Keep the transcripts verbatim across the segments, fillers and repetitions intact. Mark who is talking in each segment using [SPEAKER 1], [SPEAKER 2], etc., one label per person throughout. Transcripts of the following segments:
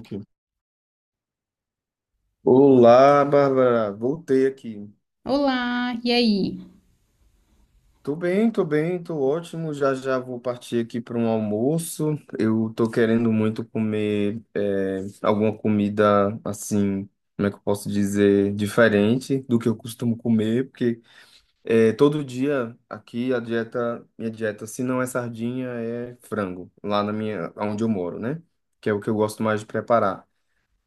[SPEAKER 1] Aqui. Olá, Bárbara. Voltei aqui.
[SPEAKER 2] Olá, e aí?
[SPEAKER 1] Tô bem, tô bem, tô ótimo. Já já vou partir aqui para um almoço. Eu tô querendo muito comer é, alguma comida assim, como é que eu posso dizer, diferente do que eu costumo comer, porque é, todo dia aqui a dieta, minha dieta, se não é sardinha, é frango, lá na minha, onde eu moro, né? Que é o que eu gosto mais de preparar.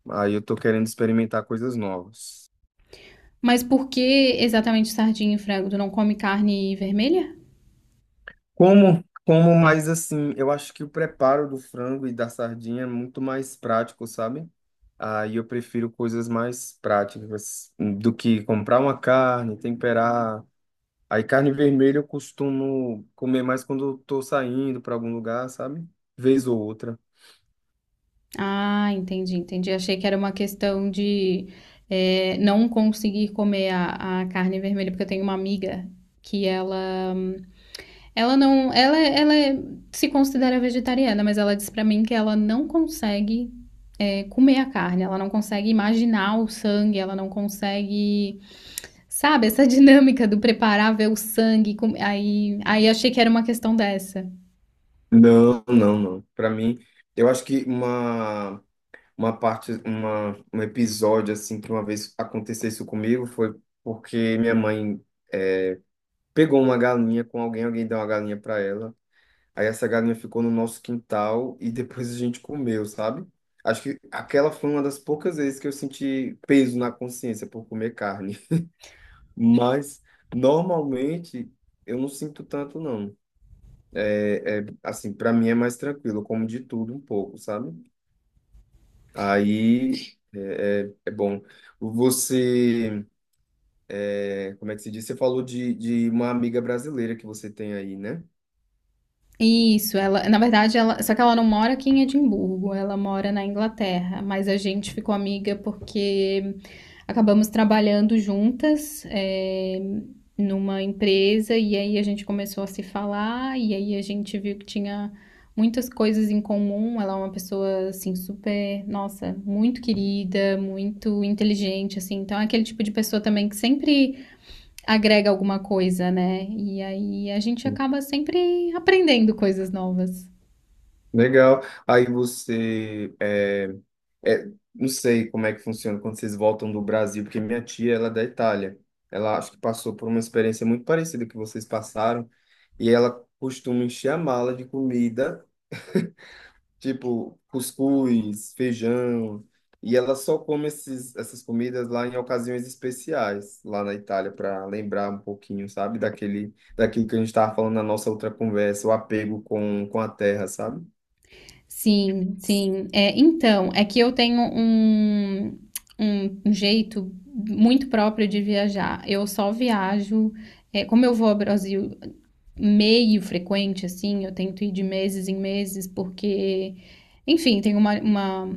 [SPEAKER 1] Aí eu tô querendo experimentar coisas novas.
[SPEAKER 2] Mas por que exatamente sardinha e frango? Tu não come carne vermelha?
[SPEAKER 1] Como, como mais assim, eu acho que o preparo do frango e da sardinha é muito mais prático, sabe? Aí eu prefiro coisas mais práticas do que comprar uma carne, temperar. Aí carne vermelha eu costumo comer mais quando eu tô saindo para algum lugar, sabe? Vez ou outra.
[SPEAKER 2] Ah, entendi, entendi. Achei que era uma questão de é, não conseguir comer a, a carne vermelha, porque eu tenho uma amiga que ela, ela não, ela, ela é, se considera vegetariana, mas ela disse pra mim que ela não consegue é, comer a carne, ela não consegue imaginar o sangue, ela não consegue. Sabe, essa dinâmica do preparar, ver o sangue, com- aí, aí achei que era uma questão dessa.
[SPEAKER 1] Não, não, não. Para mim, eu acho que uma uma parte, uma, um episódio assim que uma vez aconteceu isso comigo foi porque minha mãe eh, pegou uma galinha com alguém, alguém deu uma galinha para ela. Aí essa galinha ficou no nosso quintal e depois a gente comeu, sabe? Acho que aquela foi uma das poucas vezes que eu senti peso na consciência por comer carne. Mas normalmente eu não sinto tanto, não. É, é, assim, para mim é mais tranquilo, eu como de tudo um pouco, sabe? Aí é, é, é bom. Você, é, como é que se diz? Você falou de, de uma amiga brasileira que você tem aí, né?
[SPEAKER 2] Isso, ela, na verdade, ela, só que ela não mora aqui em Edimburgo, ela mora na Inglaterra, mas a gente ficou amiga porque acabamos trabalhando juntas é, numa empresa, e aí a gente começou a se falar e aí a gente viu que tinha muitas coisas em comum. Ela é uma pessoa assim super, nossa, muito querida, muito inteligente assim. Então é aquele tipo de pessoa também que sempre agrega alguma coisa, né? E aí a gente acaba sempre aprendendo coisas novas.
[SPEAKER 1] Legal. Aí você, é, é, não sei como é que funciona quando vocês voltam do Brasil, porque minha tia, ela é da Itália. Ela acho que passou por uma experiência muito parecida que vocês passaram, e ela costuma encher a mala de comida, tipo cuscuz, feijão, e ela só come esses, essas comidas lá em ocasiões especiais, lá na Itália, para lembrar um pouquinho, sabe, daquele, daquilo que a gente estava falando na nossa outra conversa, o apego com, com a terra, sabe?
[SPEAKER 2] Sim, sim. É, então, é que eu tenho um, um, um jeito muito próprio de viajar. Eu só viajo, é, como eu vou ao Brasil meio frequente, assim, eu tento ir de meses em meses, porque, enfim, tem uma, uma,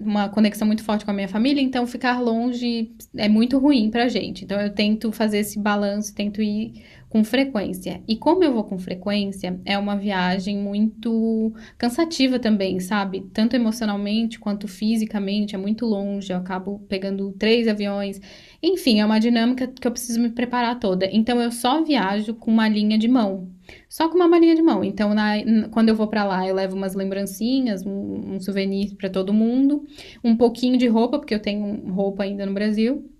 [SPEAKER 2] uma conexão muito forte com a minha família, então ficar longe é muito ruim pra gente. Então eu tento fazer esse balanço, tento ir com frequência. E como eu vou com frequência, é uma viagem muito cansativa também, sabe? Tanto emocionalmente quanto fisicamente, é muito longe, eu acabo pegando três aviões. Enfim, é uma dinâmica que eu preciso me preparar toda. Então eu só viajo com uma linha de mão. Só com uma malinha de mão. Então, na- quando eu vou pra lá, eu levo umas lembrancinhas, um, um souvenir pra todo mundo, um pouquinho de roupa, porque eu tenho roupa ainda no Brasil.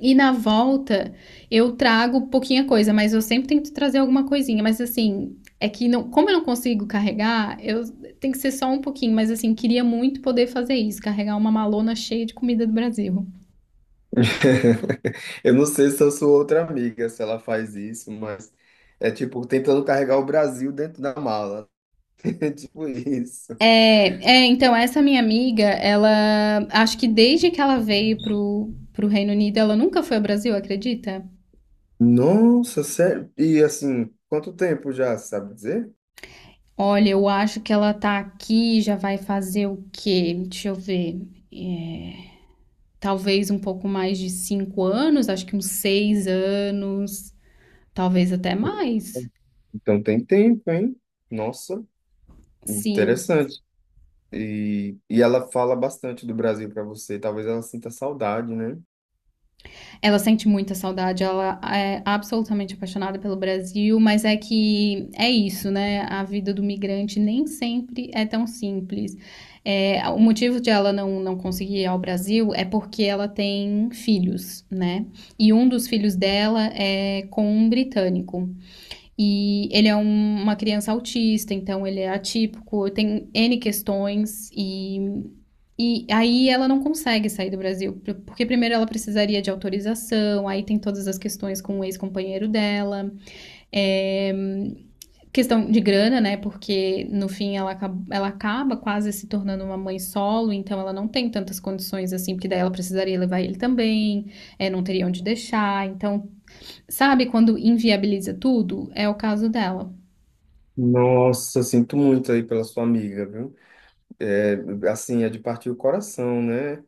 [SPEAKER 2] E na volta eu trago pouquinha coisa, mas eu sempre tento trazer alguma coisinha. Mas assim, é que não, como eu não consigo carregar, eu tem que ser só um pouquinho, mas assim, queria muito poder fazer isso, carregar uma malona cheia de comida do Brasil.
[SPEAKER 1] Eu não sei se eu sou outra amiga, se ela faz isso, mas é tipo tentando carregar o Brasil dentro da mala. É tipo isso.
[SPEAKER 2] É, é então essa minha amiga, ela acho que desde que ela veio pro pro Reino Unido, ela nunca foi ao Brasil, acredita?
[SPEAKER 1] Nossa, sério? E assim, quanto tempo já, sabe dizer?
[SPEAKER 2] Olha, eu acho que ela tá aqui, já vai fazer o quê? Deixa eu ver. Talvez um pouco mais de cinco anos, acho que uns seis anos, talvez até mais.
[SPEAKER 1] Então tem tempo, hein? Nossa,
[SPEAKER 2] Sim,
[SPEAKER 1] interessante. E, e ela fala bastante do Brasil para você. Talvez ela sinta saudade, né?
[SPEAKER 2] ela sente muita saudade, ela é absolutamente apaixonada pelo Brasil, mas é que é isso, né? A vida do migrante nem sempre é tão simples. É, o motivo de ela não, não conseguir ir ao Brasil é porque ela tem filhos, né? E um dos filhos dela é com um britânico. E ele é um- uma criança autista, então ele é atípico, tem ene questões e, e aí ela não consegue sair do Brasil, porque primeiro ela precisaria de autorização, aí tem todas as questões com o ex-companheiro dela, é, questão de grana, né? Porque no fim ela acaba, ela acaba quase se tornando uma mãe solo, então ela não tem tantas condições assim, porque daí ela precisaria levar ele também, é, não teria onde deixar, então, sabe quando inviabiliza tudo? É o caso dela.
[SPEAKER 1] Nossa, sinto muito aí pela sua amiga, viu? É, assim, é de partir o coração, né?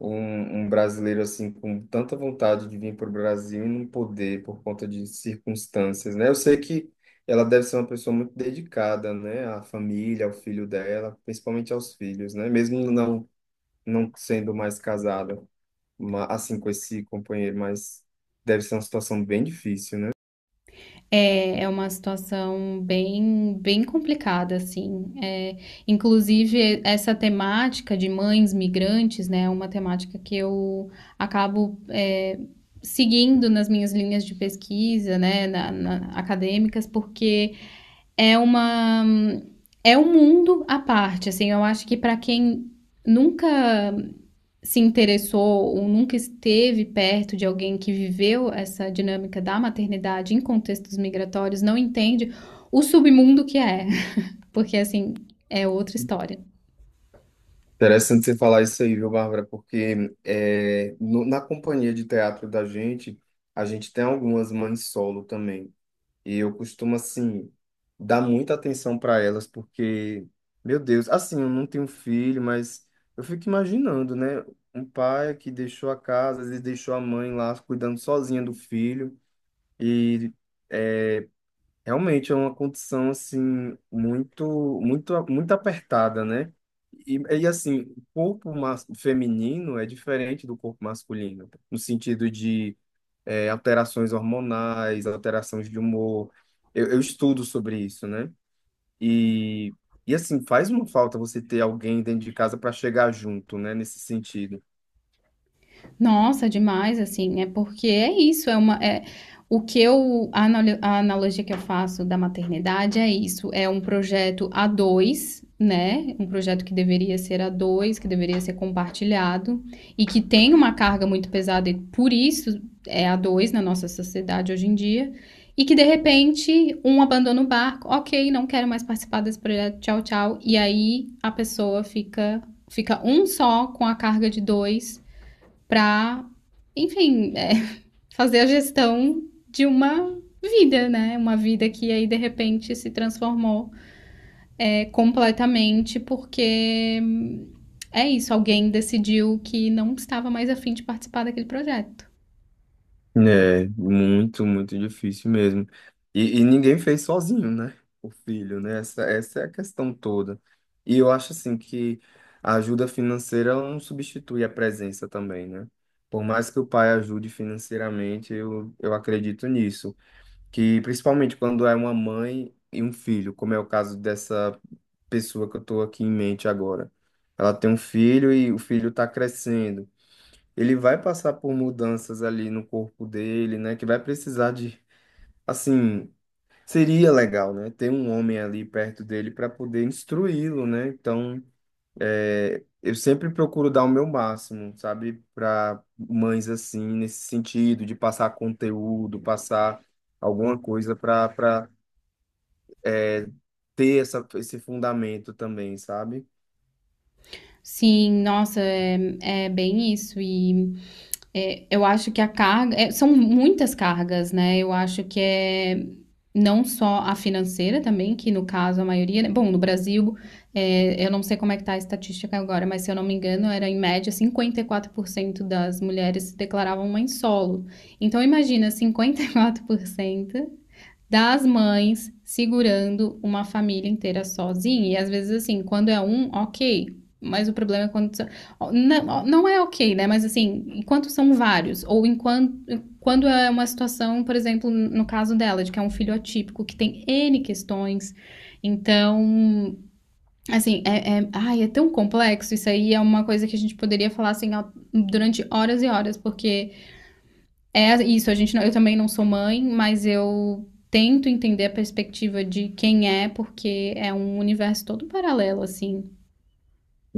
[SPEAKER 1] um, um brasileiro assim com tanta vontade de vir para o Brasil e não poder por conta de circunstâncias, né? Eu sei que ela deve ser uma pessoa muito dedicada, né, à família, ao filho dela, principalmente aos filhos, né? Mesmo não não sendo mais casada, ma- assim com esse companheiro, mas deve ser uma situação bem difícil, né?
[SPEAKER 2] É, é uma situação bem, bem complicada, assim. É, inclusive, essa temática de mães migrantes, né, é uma temática que eu acabo, é, seguindo nas minhas linhas de pesquisa, né, na- na- acadêmicas, porque é uma, é um mundo à parte, assim. Eu acho que para quem nunca se interessou ou nunca esteve perto de alguém que viveu essa dinâmica da maternidade em contextos migratórios não entende o submundo que é, porque assim é outra história.
[SPEAKER 1] Interessante você falar isso aí, viu, Bárbara? Porque é, no- na companhia de teatro da gente, a gente tem algumas mães solo também. E eu costumo, assim, dar muita atenção para elas, porque, meu Deus, assim, eu não tenho filho, mas eu fico imaginando, né? Um pai que deixou a casa, às vezes deixou a mãe lá cuidando sozinha do filho. E é, realmente é uma condição, assim, muito, muito, muito apertada, né? E, e assim, o corpo mas, feminino é diferente do corpo masculino, no sentido de é, alterações hormonais, alterações de humor. Eu, eu estudo sobre isso, né? E, e assim, faz uma falta você ter alguém dentro de casa para chegar junto, né? Nesse sentido.
[SPEAKER 2] Nossa, demais, assim, é porque é isso, é uma, é, o que eu, a analo- a analogia que eu faço da maternidade é isso, é um projeto a dois, né? Um projeto que deveria ser a dois, que deveria ser compartilhado e que tem uma carga muito pesada e por isso é a dois na nossa sociedade hoje em dia. E que de repente um abandona o barco, ok, não quero mais participar desse projeto, tchau, tchau. E aí a pessoa fica, fica um só com a carga de dois para, enfim, é, fazer a gestão de uma vida, né? Uma vida que aí de repente se transformou é, completamente porque hum, é isso, alguém decidiu que não estava mais afim de participar daquele projeto.
[SPEAKER 1] É, muito, muito difícil mesmo. E, e ninguém fez sozinho, né? O filho, né? Essa, essa é a questão toda. E eu acho assim que a ajuda financeira ela não substitui a presença também, né? Por mais que o pai ajude financeiramente, eu, eu acredito nisso. Que principalmente quando é uma mãe e um filho, como é o caso dessa pessoa que eu estou aqui em mente agora. Ela tem um filho e o filho está crescendo. Ele vai passar por mudanças ali no corpo dele, né? Que vai precisar de, assim, seria legal, né? Ter um homem ali perto dele para poder instruí-lo, né? Então, é, eu sempre procuro dar o meu máximo, sabe? Para mães assim, nesse sentido, de passar conteúdo, passar alguma coisa para ter essa, esse fundamento também, sabe?
[SPEAKER 2] Sim, nossa, é, é bem isso. E É, eu acho que a carga. É, são muitas cargas, né? Eu acho que é não só a financeira também, que no caso a maioria, né? Bom, no Brasil, é, eu não sei como é que tá a estatística agora, mas se eu não me engano, era em média cinquenta e quatro por cento das mulheres se declaravam mãe solo. Então imagina, cinquenta e quatro por cento das mães segurando uma família inteira sozinha. E às vezes, assim, quando é um, ok. Mas o problema é quando. Não, não é ok, né? Mas assim, enquanto são vários, ou enquanto. Quando é uma situação, por exemplo, no caso dela, de que é um filho atípico, que tem ene questões. Então, assim, é, é, ai, é tão complexo. Isso aí é uma coisa que a gente poderia falar assim, durante horas e horas, porque é isso, a gente não- eu também não sou mãe, mas eu tento entender a perspectiva de quem é, porque é um universo todo paralelo, assim.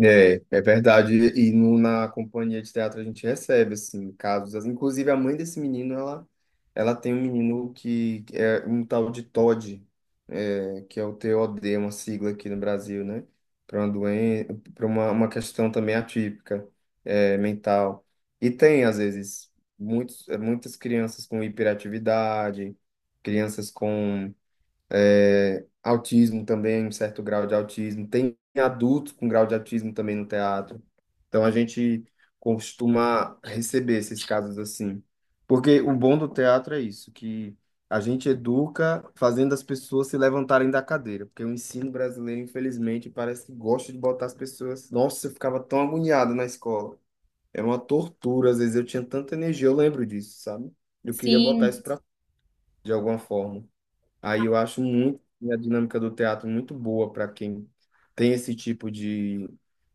[SPEAKER 1] É, é verdade. E no, na companhia de teatro a gente recebe, assim, casos. Inclusive, a mãe desse menino, ela, ela tem um menino que é um tal de T O D, é, que é o T O D uma sigla aqui no Brasil, né? Para uma doença, para uma, uma questão também atípica, é, mental. E tem, às vezes, muitos, muitas crianças com hiperatividade, crianças com é, autismo também, um certo grau de autismo. Tem adultos com grau de autismo também no teatro. Então a gente costuma receber esses casos assim. Porque o bom do teatro é isso, que a gente educa fazendo as pessoas se levantarem da cadeira. Porque o ensino brasileiro, infelizmente, parece que gosta de botar as pessoas. Nossa, eu ficava tão agoniado na escola. Era uma tortura, às vezes eu tinha tanta energia, eu lembro disso, sabe? Eu queria botar
[SPEAKER 2] Sim,
[SPEAKER 1] isso pra de alguma forma. Aí eu acho muito a dinâmica do teatro muito boa para quem tem esse tipo de,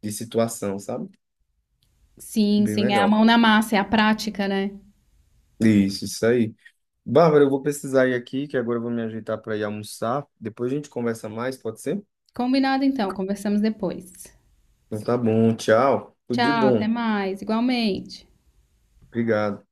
[SPEAKER 1] de situação, sabe?
[SPEAKER 2] sim,
[SPEAKER 1] Bem
[SPEAKER 2] sim, é a
[SPEAKER 1] legal.
[SPEAKER 2] mão na massa, é a prática, né?
[SPEAKER 1] Isso, isso aí. Bárbara, eu vou precisar ir aqui, que agora eu vou me ajeitar para ir almoçar. Depois a gente conversa mais, pode ser?
[SPEAKER 2] Combinado então, conversamos depois.
[SPEAKER 1] Então tá bom, tchau. Tudo de
[SPEAKER 2] Tchau, até
[SPEAKER 1] bom.
[SPEAKER 2] mais, igualmente.
[SPEAKER 1] Obrigado.